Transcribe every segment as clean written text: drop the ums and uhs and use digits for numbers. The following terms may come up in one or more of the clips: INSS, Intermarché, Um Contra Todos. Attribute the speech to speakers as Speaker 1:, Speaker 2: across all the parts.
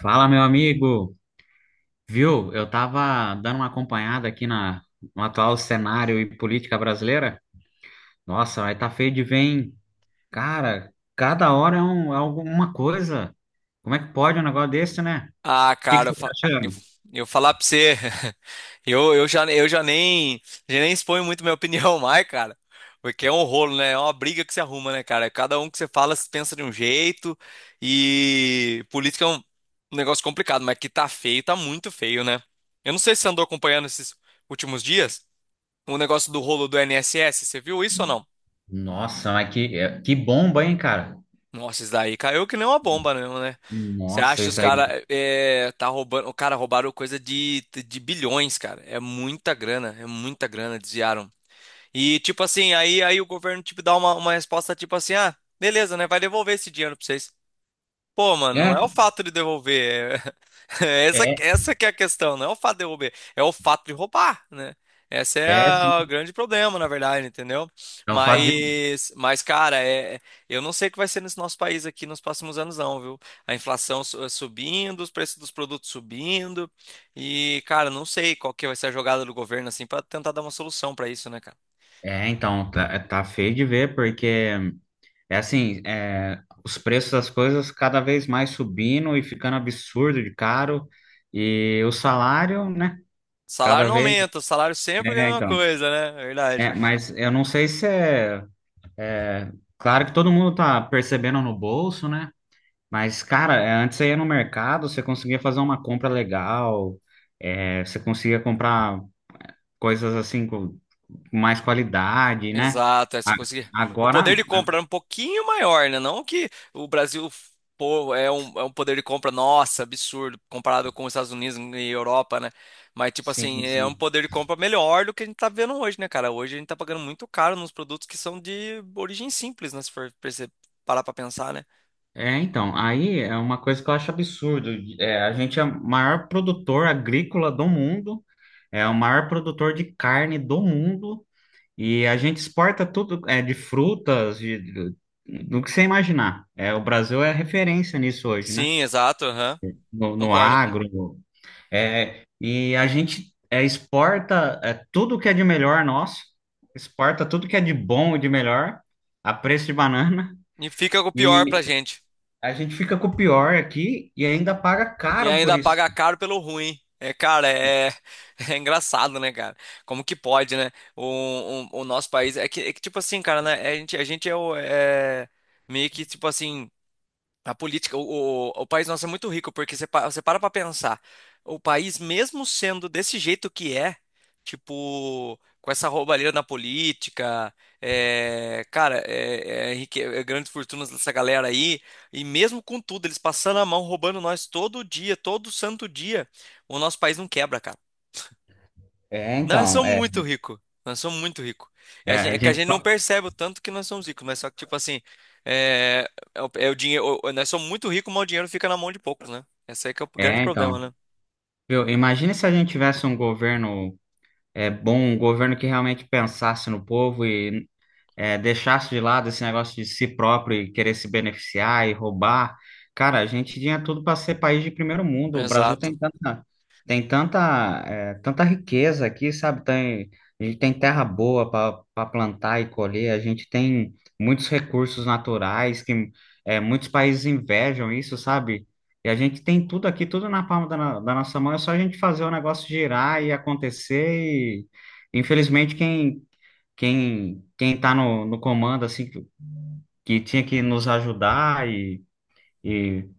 Speaker 1: Fala, meu amigo. Viu? Eu tava dando uma acompanhada aqui no atual cenário e política brasileira. Nossa, vai tá feio de ver, hein? Cara, cada hora é alguma coisa. Como é que pode um negócio desse, né? O
Speaker 2: Ah,
Speaker 1: que
Speaker 2: cara, eu,
Speaker 1: você tá
Speaker 2: fa- eu,
Speaker 1: achando?
Speaker 2: eu falar pra você, eu já nem exponho muito minha opinião mais, cara. Porque é um rolo, né? É uma briga que se arruma, né, cara? Cada um que você fala, se pensa de um jeito. E política é um negócio complicado, mas que tá feio, tá muito feio, né? Eu não sei se você andou acompanhando esses últimos dias o negócio do rolo do INSS, você viu isso ou não?
Speaker 1: Nossa, que bomba, hein, cara?
Speaker 2: Nossa, isso daí caiu que nem uma bomba mesmo, né? Você acha
Speaker 1: Nossa,
Speaker 2: que os
Speaker 1: isso aí.
Speaker 2: caras é, tá roubando, o cara roubaram coisa de bilhões, cara. É muita grana, desviaram. E tipo assim, aí o governo tipo dá uma resposta tipo assim: "Ah, beleza, né? Vai devolver esse dinheiro pra vocês". Pô, mano, não
Speaker 1: É,
Speaker 2: é o fato de devolver. É Essa,
Speaker 1: é,
Speaker 2: essa que é a questão, não é o fato de devolver, é o fato de roubar, né? Esse é o
Speaker 1: sim.
Speaker 2: grande problema, na verdade, entendeu?
Speaker 1: É o fato de.
Speaker 2: Mas cara, eu não sei o que vai ser nesse nosso país aqui nos próximos anos, não, viu? A inflação subindo, os preços dos produtos subindo, e, cara, não sei qual que vai ser a jogada do governo, assim, pra tentar dar uma solução pra isso, né, cara?
Speaker 1: Tá, tá feio de ver, porque. É assim, os preços das coisas cada vez mais subindo e ficando absurdo de caro, e o salário, né?
Speaker 2: Salário
Speaker 1: Cada
Speaker 2: não
Speaker 1: vez.
Speaker 2: aumenta, o salário sempre é a
Speaker 1: É,
Speaker 2: mesma
Speaker 1: então.
Speaker 2: coisa, né? Verdade.
Speaker 1: É, mas eu não sei se é, é. Claro que todo mundo tá percebendo no bolso, né? Mas, cara, antes você ia no mercado, você conseguia fazer uma compra legal, você conseguia comprar coisas assim com mais qualidade, né?
Speaker 2: Exato, é, se
Speaker 1: A-
Speaker 2: conseguir. O poder
Speaker 1: Agora,
Speaker 2: de
Speaker 1: a-
Speaker 2: compra é um pouquinho maior, né? Não que o Brasil pô, é um poder de compra, nossa, absurdo, comparado com os Estados Unidos e Europa, né? Mas, tipo
Speaker 1: sim,
Speaker 2: assim, é um
Speaker 1: sim.
Speaker 2: poder de compra melhor do que a gente tá vendo hoje, né, cara? Hoje a gente tá pagando muito caro nos produtos que são de origem simples, né? Se for parar pra pensar, né?
Speaker 1: É, então, aí é uma coisa que eu acho absurdo. A gente é o maior produtor agrícola do mundo, é o maior produtor de carne do mundo, e a gente exporta tudo, de frutas, do que você imaginar. É, o Brasil é referência nisso hoje, né?
Speaker 2: Sim, exato, aham,
Speaker 1: No
Speaker 2: concordo.
Speaker 1: agro. E a gente exporta tudo que é de melhor nosso, exporta tudo que é de bom e de melhor, a preço de banana.
Speaker 2: E fica o pior pra gente.
Speaker 1: A gente fica com o pior aqui e ainda paga
Speaker 2: E
Speaker 1: caro por
Speaker 2: ainda
Speaker 1: isso.
Speaker 2: paga caro pelo ruim. É, cara, é, é engraçado, né, cara? Como que pode, né? O nosso país. Tipo assim, cara, né? É, A gente é meio que, tipo assim. A política, o país nosso é muito rico, porque você para pra pensar, o país, mesmo sendo desse jeito que é, tipo, com essa roubalheira na política, é, cara, é, é, rique- é grandes fortunas dessa galera aí, e mesmo com tudo, eles passando a mão, roubando nós todo dia, todo santo dia, o nosso país não quebra, cara.
Speaker 1: É,
Speaker 2: Nós
Speaker 1: então,
Speaker 2: somos
Speaker 1: é.
Speaker 2: muito ricos. Nós somos muito ricos.
Speaker 1: É, a
Speaker 2: É que a
Speaker 1: gente.
Speaker 2: gente não
Speaker 1: pa-
Speaker 2: percebe o tanto que nós somos ricos, mas só que, tipo assim, é o dinheiro. Nós somos muito ricos, mas o dinheiro fica na mão de poucos, né? Esse aí que é o grande
Speaker 1: É,
Speaker 2: problema,
Speaker 1: então.
Speaker 2: né?
Speaker 1: Viu? Imagina se a gente tivesse um governo bom, um governo que realmente pensasse no povo e deixasse de lado esse negócio de si próprio e querer se beneficiar e roubar. Cara, a gente tinha tudo para ser país de primeiro mundo. O Brasil
Speaker 2: Exato.
Speaker 1: tem tanta, tanta riqueza aqui, sabe? Tem, a gente tem terra boa para plantar e colher, a gente tem muitos recursos naturais que muitos países invejam isso, sabe? E a gente tem tudo aqui, tudo na palma da, no- da nossa mão, é só a gente fazer o negócio girar e acontecer e, infelizmente, quem quem tá no comando assim que tinha que nos ajudar e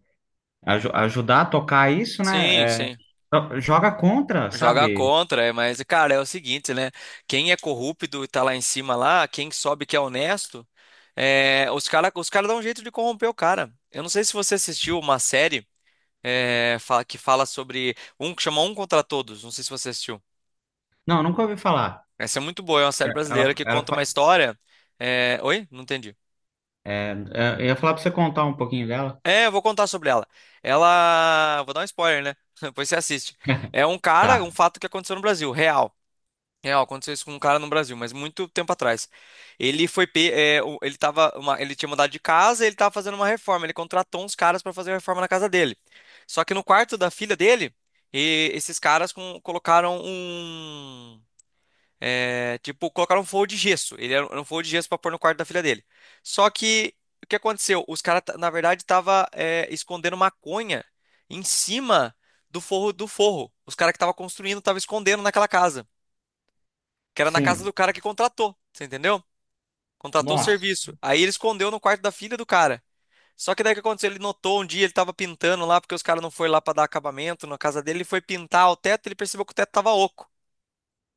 Speaker 1: ajudar a tocar isso,
Speaker 2: Sim,
Speaker 1: né?
Speaker 2: sim.
Speaker 1: Joga contra,
Speaker 2: Joga
Speaker 1: sabe?
Speaker 2: contra, é, mas, cara, é o seguinte, né? Quem é corrupto e tá lá em cima lá, quem sobe que é honesto, é, os cara dão um jeito de corromper o cara. Eu não sei se você assistiu uma série que fala sobre um que chama Um Contra Todos. Não sei se você assistiu.
Speaker 1: Não, nunca ouvi falar.
Speaker 2: Essa é muito boa, é uma série brasileira
Speaker 1: Ela,
Speaker 2: que
Speaker 1: ela
Speaker 2: conta uma
Speaker 1: fa-
Speaker 2: história. É, Oi? Não entendi.
Speaker 1: é, é, eu ia falar pra você contar um pouquinho dela.
Speaker 2: É, eu vou contar sobre ela. Ela. Vou dar um spoiler, né? Depois você assiste. É um cara, um
Speaker 1: Tá.
Speaker 2: fato que aconteceu no Brasil, real. Real, aconteceu isso com um cara no Brasil, mas muito tempo atrás. Ele foi. Ele tava ele tinha mudado de casa e ele tava fazendo uma reforma. Ele contratou uns caras para fazer a reforma na casa dele. Só que no quarto da filha dele, esses caras colocaram um. É, tipo, colocaram um forro de gesso. Era um forro de gesso pra pôr no quarto da filha dele. Só que o que aconteceu? Os caras, na verdade, tava é, escondendo maconha em cima do forro do forro. Os caras que estavam construindo estavam escondendo naquela casa, que era na casa
Speaker 1: Sim.
Speaker 2: do cara que contratou, você entendeu? Contratou o
Speaker 1: Nossa.
Speaker 2: serviço. Aí ele escondeu no quarto da filha do cara. Só que daí o que aconteceu? Ele notou um dia, ele tava pintando lá, porque os caras não foram lá pra dar acabamento na casa dele. Ele foi pintar o teto, ele percebeu que o teto tava oco.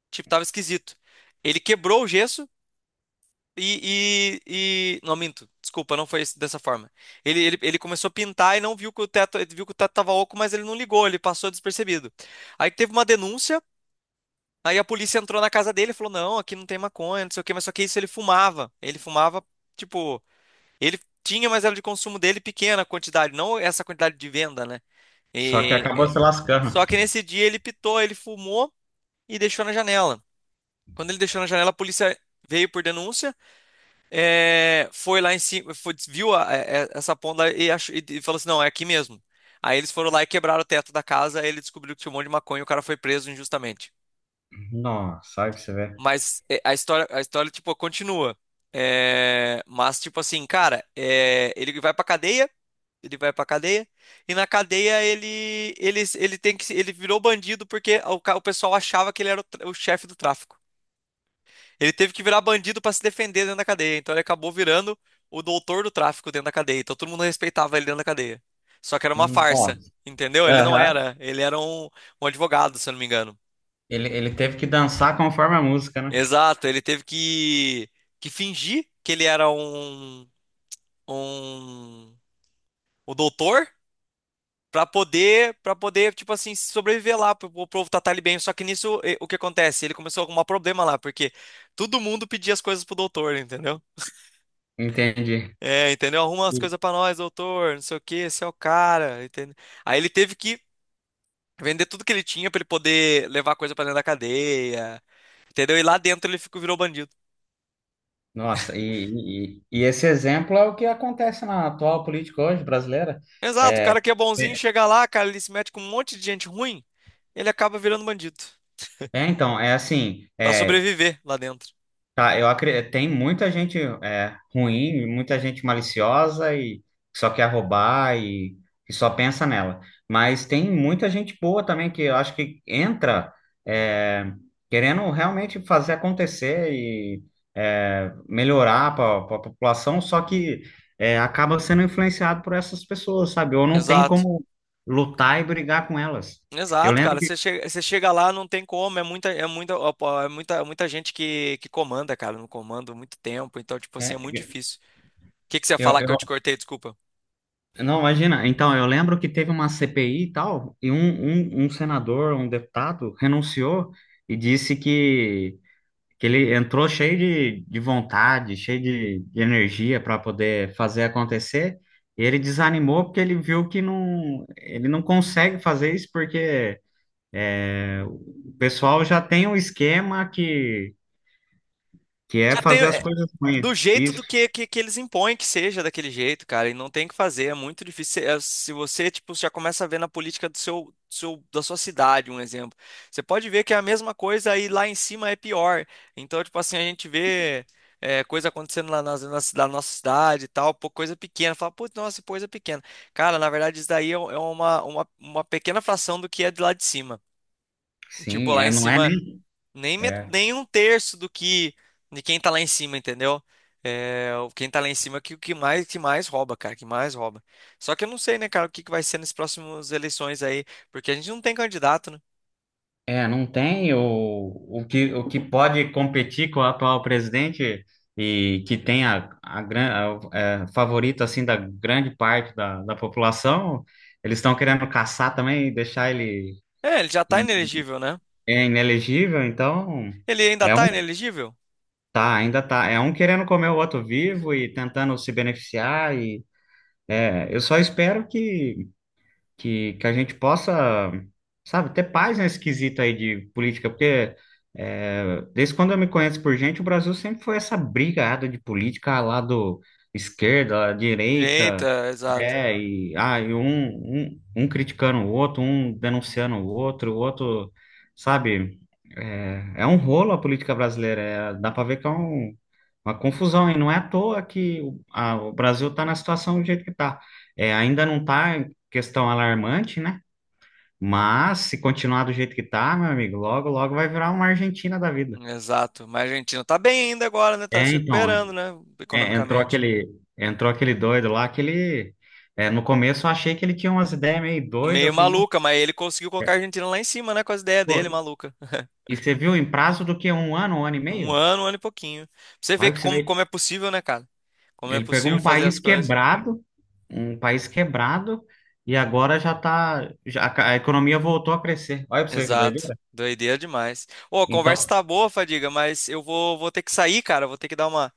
Speaker 2: Tipo, tava esquisito. Ele quebrou o gesso Não, minto. Desculpa, não foi dessa forma. Ele começou a pintar e não viu que o teto, ele viu que o teto tava oco, mas ele não ligou, ele passou despercebido. Aí teve uma denúncia, aí a polícia entrou na casa dele e falou: não, aqui não tem maconha, não sei o quê, mas só que isso ele fumava. Ele fumava, tipo, ele tinha, mas era de consumo dele pequena quantidade, não essa quantidade de venda, né?
Speaker 1: Só que
Speaker 2: E-
Speaker 1: acabou se lascando.
Speaker 2: só que nesse dia ele pitou, ele fumou e deixou na janela. Quando ele deixou na janela, a polícia veio por denúncia. É, foi lá em cima, viu essa ponta e, e falou assim: não, é aqui mesmo. Aí eles foram lá e quebraram o teto da casa, aí ele descobriu que tinha um monte de maconha e o cara foi preso injustamente.
Speaker 1: Nossa, sabe o que você vê?
Speaker 2: Mas é, a história, tipo, continua. É, mas, tipo assim, cara, é, ele vai pra cadeia, ele vai pra cadeia, e na cadeia ele tem que, ele virou bandido porque o pessoal achava que ele era o chefe do tráfico. Ele teve que virar bandido pra se defender dentro da cadeia. Então ele acabou virando o doutor do tráfico dentro da cadeia. Então todo mundo respeitava ele dentro da cadeia. Só que era uma farsa,
Speaker 1: Nossa.
Speaker 2: entendeu? Ele não
Speaker 1: Aham.
Speaker 2: era. Ele era um advogado, se eu não me engano.
Speaker 1: Ele teve que dançar conforme a música, né?
Speaker 2: Exato, ele teve que fingir que ele era um, o doutor pra poder, para poder, tipo assim, sobreviver lá, pro povo tratar ele bem. Só que nisso, eh, o que acontece? Ele começou a arrumar problema lá, porque todo mundo pedia as coisas pro doutor, entendeu?
Speaker 1: Entendi.
Speaker 2: É, entendeu? Arruma as coisas pra nós, doutor, não sei o quê, esse é o cara, entendeu? Aí ele teve que vender tudo que ele tinha pra ele poder levar coisa pra dentro da cadeia, entendeu? E lá dentro ele ficou, virou bandido.
Speaker 1: Nossa, e esse exemplo é o que acontece na atual política hoje brasileira.
Speaker 2: Exato, o cara que é bonzinho
Speaker 1: É,
Speaker 2: chega lá, cara, ele se mete com um monte de gente ruim, ele acaba virando bandido
Speaker 1: é, então, é assim,
Speaker 2: pra
Speaker 1: é,
Speaker 2: sobreviver lá dentro.
Speaker 1: tá, eu acredito, tem muita gente ruim, muita gente maliciosa e que só quer roubar e que só pensa nela. Mas tem muita gente boa também que eu acho que entra é, querendo realmente fazer acontecer e melhorar para a população, só que acaba sendo influenciado por essas pessoas, sabe? Ou não tem
Speaker 2: Exato.
Speaker 1: como lutar e brigar com elas. Eu
Speaker 2: Exato,
Speaker 1: lembro
Speaker 2: cara.
Speaker 1: que
Speaker 2: Você chega lá, não tem como. Ó, pô, é muita, muita gente que comanda, cara, no comando há muito tempo. Então, tipo assim, é muito
Speaker 1: é,
Speaker 2: difícil. O que que você ia
Speaker 1: eu,
Speaker 2: falar que eu te
Speaker 1: eu-
Speaker 2: cortei? Desculpa.
Speaker 1: não, imagina. Então, eu lembro que teve uma CPI e tal, e um senador, um deputado, renunciou e disse que ele entrou cheio de vontade, cheio de energia para poder fazer acontecer, e ele desanimou porque ele viu que não, ele não consegue fazer isso porque o pessoal já tem um esquema que é
Speaker 2: Já tem.
Speaker 1: fazer as
Speaker 2: É,
Speaker 1: coisas ruins.
Speaker 2: do jeito
Speaker 1: Isso,
Speaker 2: que eles impõem que seja daquele jeito, cara, e não tem o que fazer, é muito difícil. É, se você, tipo, já começa a ver na política da sua cidade, um exemplo, você pode ver que é a mesma coisa e lá em cima é pior. Então, tipo assim, a gente vê é, coisa acontecendo lá na nossa cidade e tal, pô, coisa pequena. Fala, putz, nossa, coisa pequena. Cara, na verdade, isso daí é uma pequena fração do que é de lá de cima. Tipo,
Speaker 1: sim,
Speaker 2: lá
Speaker 1: é,
Speaker 2: em
Speaker 1: não é
Speaker 2: cima.
Speaker 1: nem.
Speaker 2: Nem, nem um terço do que de quem tá lá em cima, entendeu? É, quem tá lá em cima é que mais rouba, cara, que mais rouba. Só que eu não sei, né, cara, que vai ser nas próximas eleições aí, porque a gente não tem candidato, né?
Speaker 1: É, não tem o, o que pode competir com o atual presidente e que tem a, gran- a- é, favorito assim da grande parte da população, eles estão querendo caçar também e deixar ele
Speaker 2: É, ele já tá
Speaker 1: in-
Speaker 2: inelegível, né?
Speaker 1: é inelegível, então
Speaker 2: Ele ainda
Speaker 1: é
Speaker 2: tá
Speaker 1: um
Speaker 2: inelegível?
Speaker 1: tá, ainda tá, é um querendo comer o outro vivo e tentando se beneficiar e eu só espero que que a gente possa, sabe, ter paz nesse quesito aí de política, porque desde quando eu me conheço por gente, o Brasil sempre foi essa brigada de política ah, lá do esquerda, lá direita,
Speaker 2: Eita, exato.
Speaker 1: é, e, ah, e um, um, um criticando o outro, um denunciando o outro, sabe, é, é um rolo a política brasileira, é, dá para ver que é um uma confusão, e não é à toa o Brasil está na situação do jeito que está. Ainda não está em questão alarmante, né? Mas se continuar do jeito que está, meu amigo, logo, logo vai virar uma Argentina da vida.
Speaker 2: Exato. Mas a Argentina tá bem ainda agora, né? Tá se
Speaker 1: É, então, é-
Speaker 2: recuperando, né?
Speaker 1: entrou
Speaker 2: Economicamente.
Speaker 1: entrou aquele doido lá, aquele. No começo eu achei que ele tinha umas ideias meio doidas. Eu
Speaker 2: Meio
Speaker 1: falei, "Não,
Speaker 2: maluca, mas ele conseguiu colocar a Argentina lá em cima, né? Com as ideias
Speaker 1: pô,
Speaker 2: dele, maluca.
Speaker 1: e você viu em prazo do que um ano e meio?
Speaker 2: Um ano e pouquinho. Pra você vê
Speaker 1: Olha
Speaker 2: que
Speaker 1: pra você
Speaker 2: como,
Speaker 1: ver.
Speaker 2: como é possível, né, cara? Como é
Speaker 1: Ele pegou
Speaker 2: possível fazer as coisas.
Speaker 1: um país quebrado, e agora já tá, a economia voltou a crescer. Olha pra você que
Speaker 2: Exato.
Speaker 1: doideira.
Speaker 2: Doideira demais. Ô, a conversa
Speaker 1: Então,
Speaker 2: tá boa, Fadiga, mas eu vou ter que sair, cara. Vou ter que dar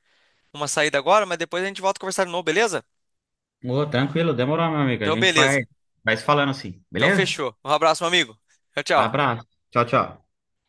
Speaker 2: uma saída agora, mas depois a gente volta a conversar de novo, beleza?
Speaker 1: ô, tranquilo, demorou, meu amigo. A
Speaker 2: Então,
Speaker 1: gente vai,
Speaker 2: beleza.
Speaker 1: vai se falando assim,
Speaker 2: Então,
Speaker 1: beleza?
Speaker 2: fechou. Um abraço, meu amigo. Tchau, tchau.
Speaker 1: Abraço. Tchau, tchau.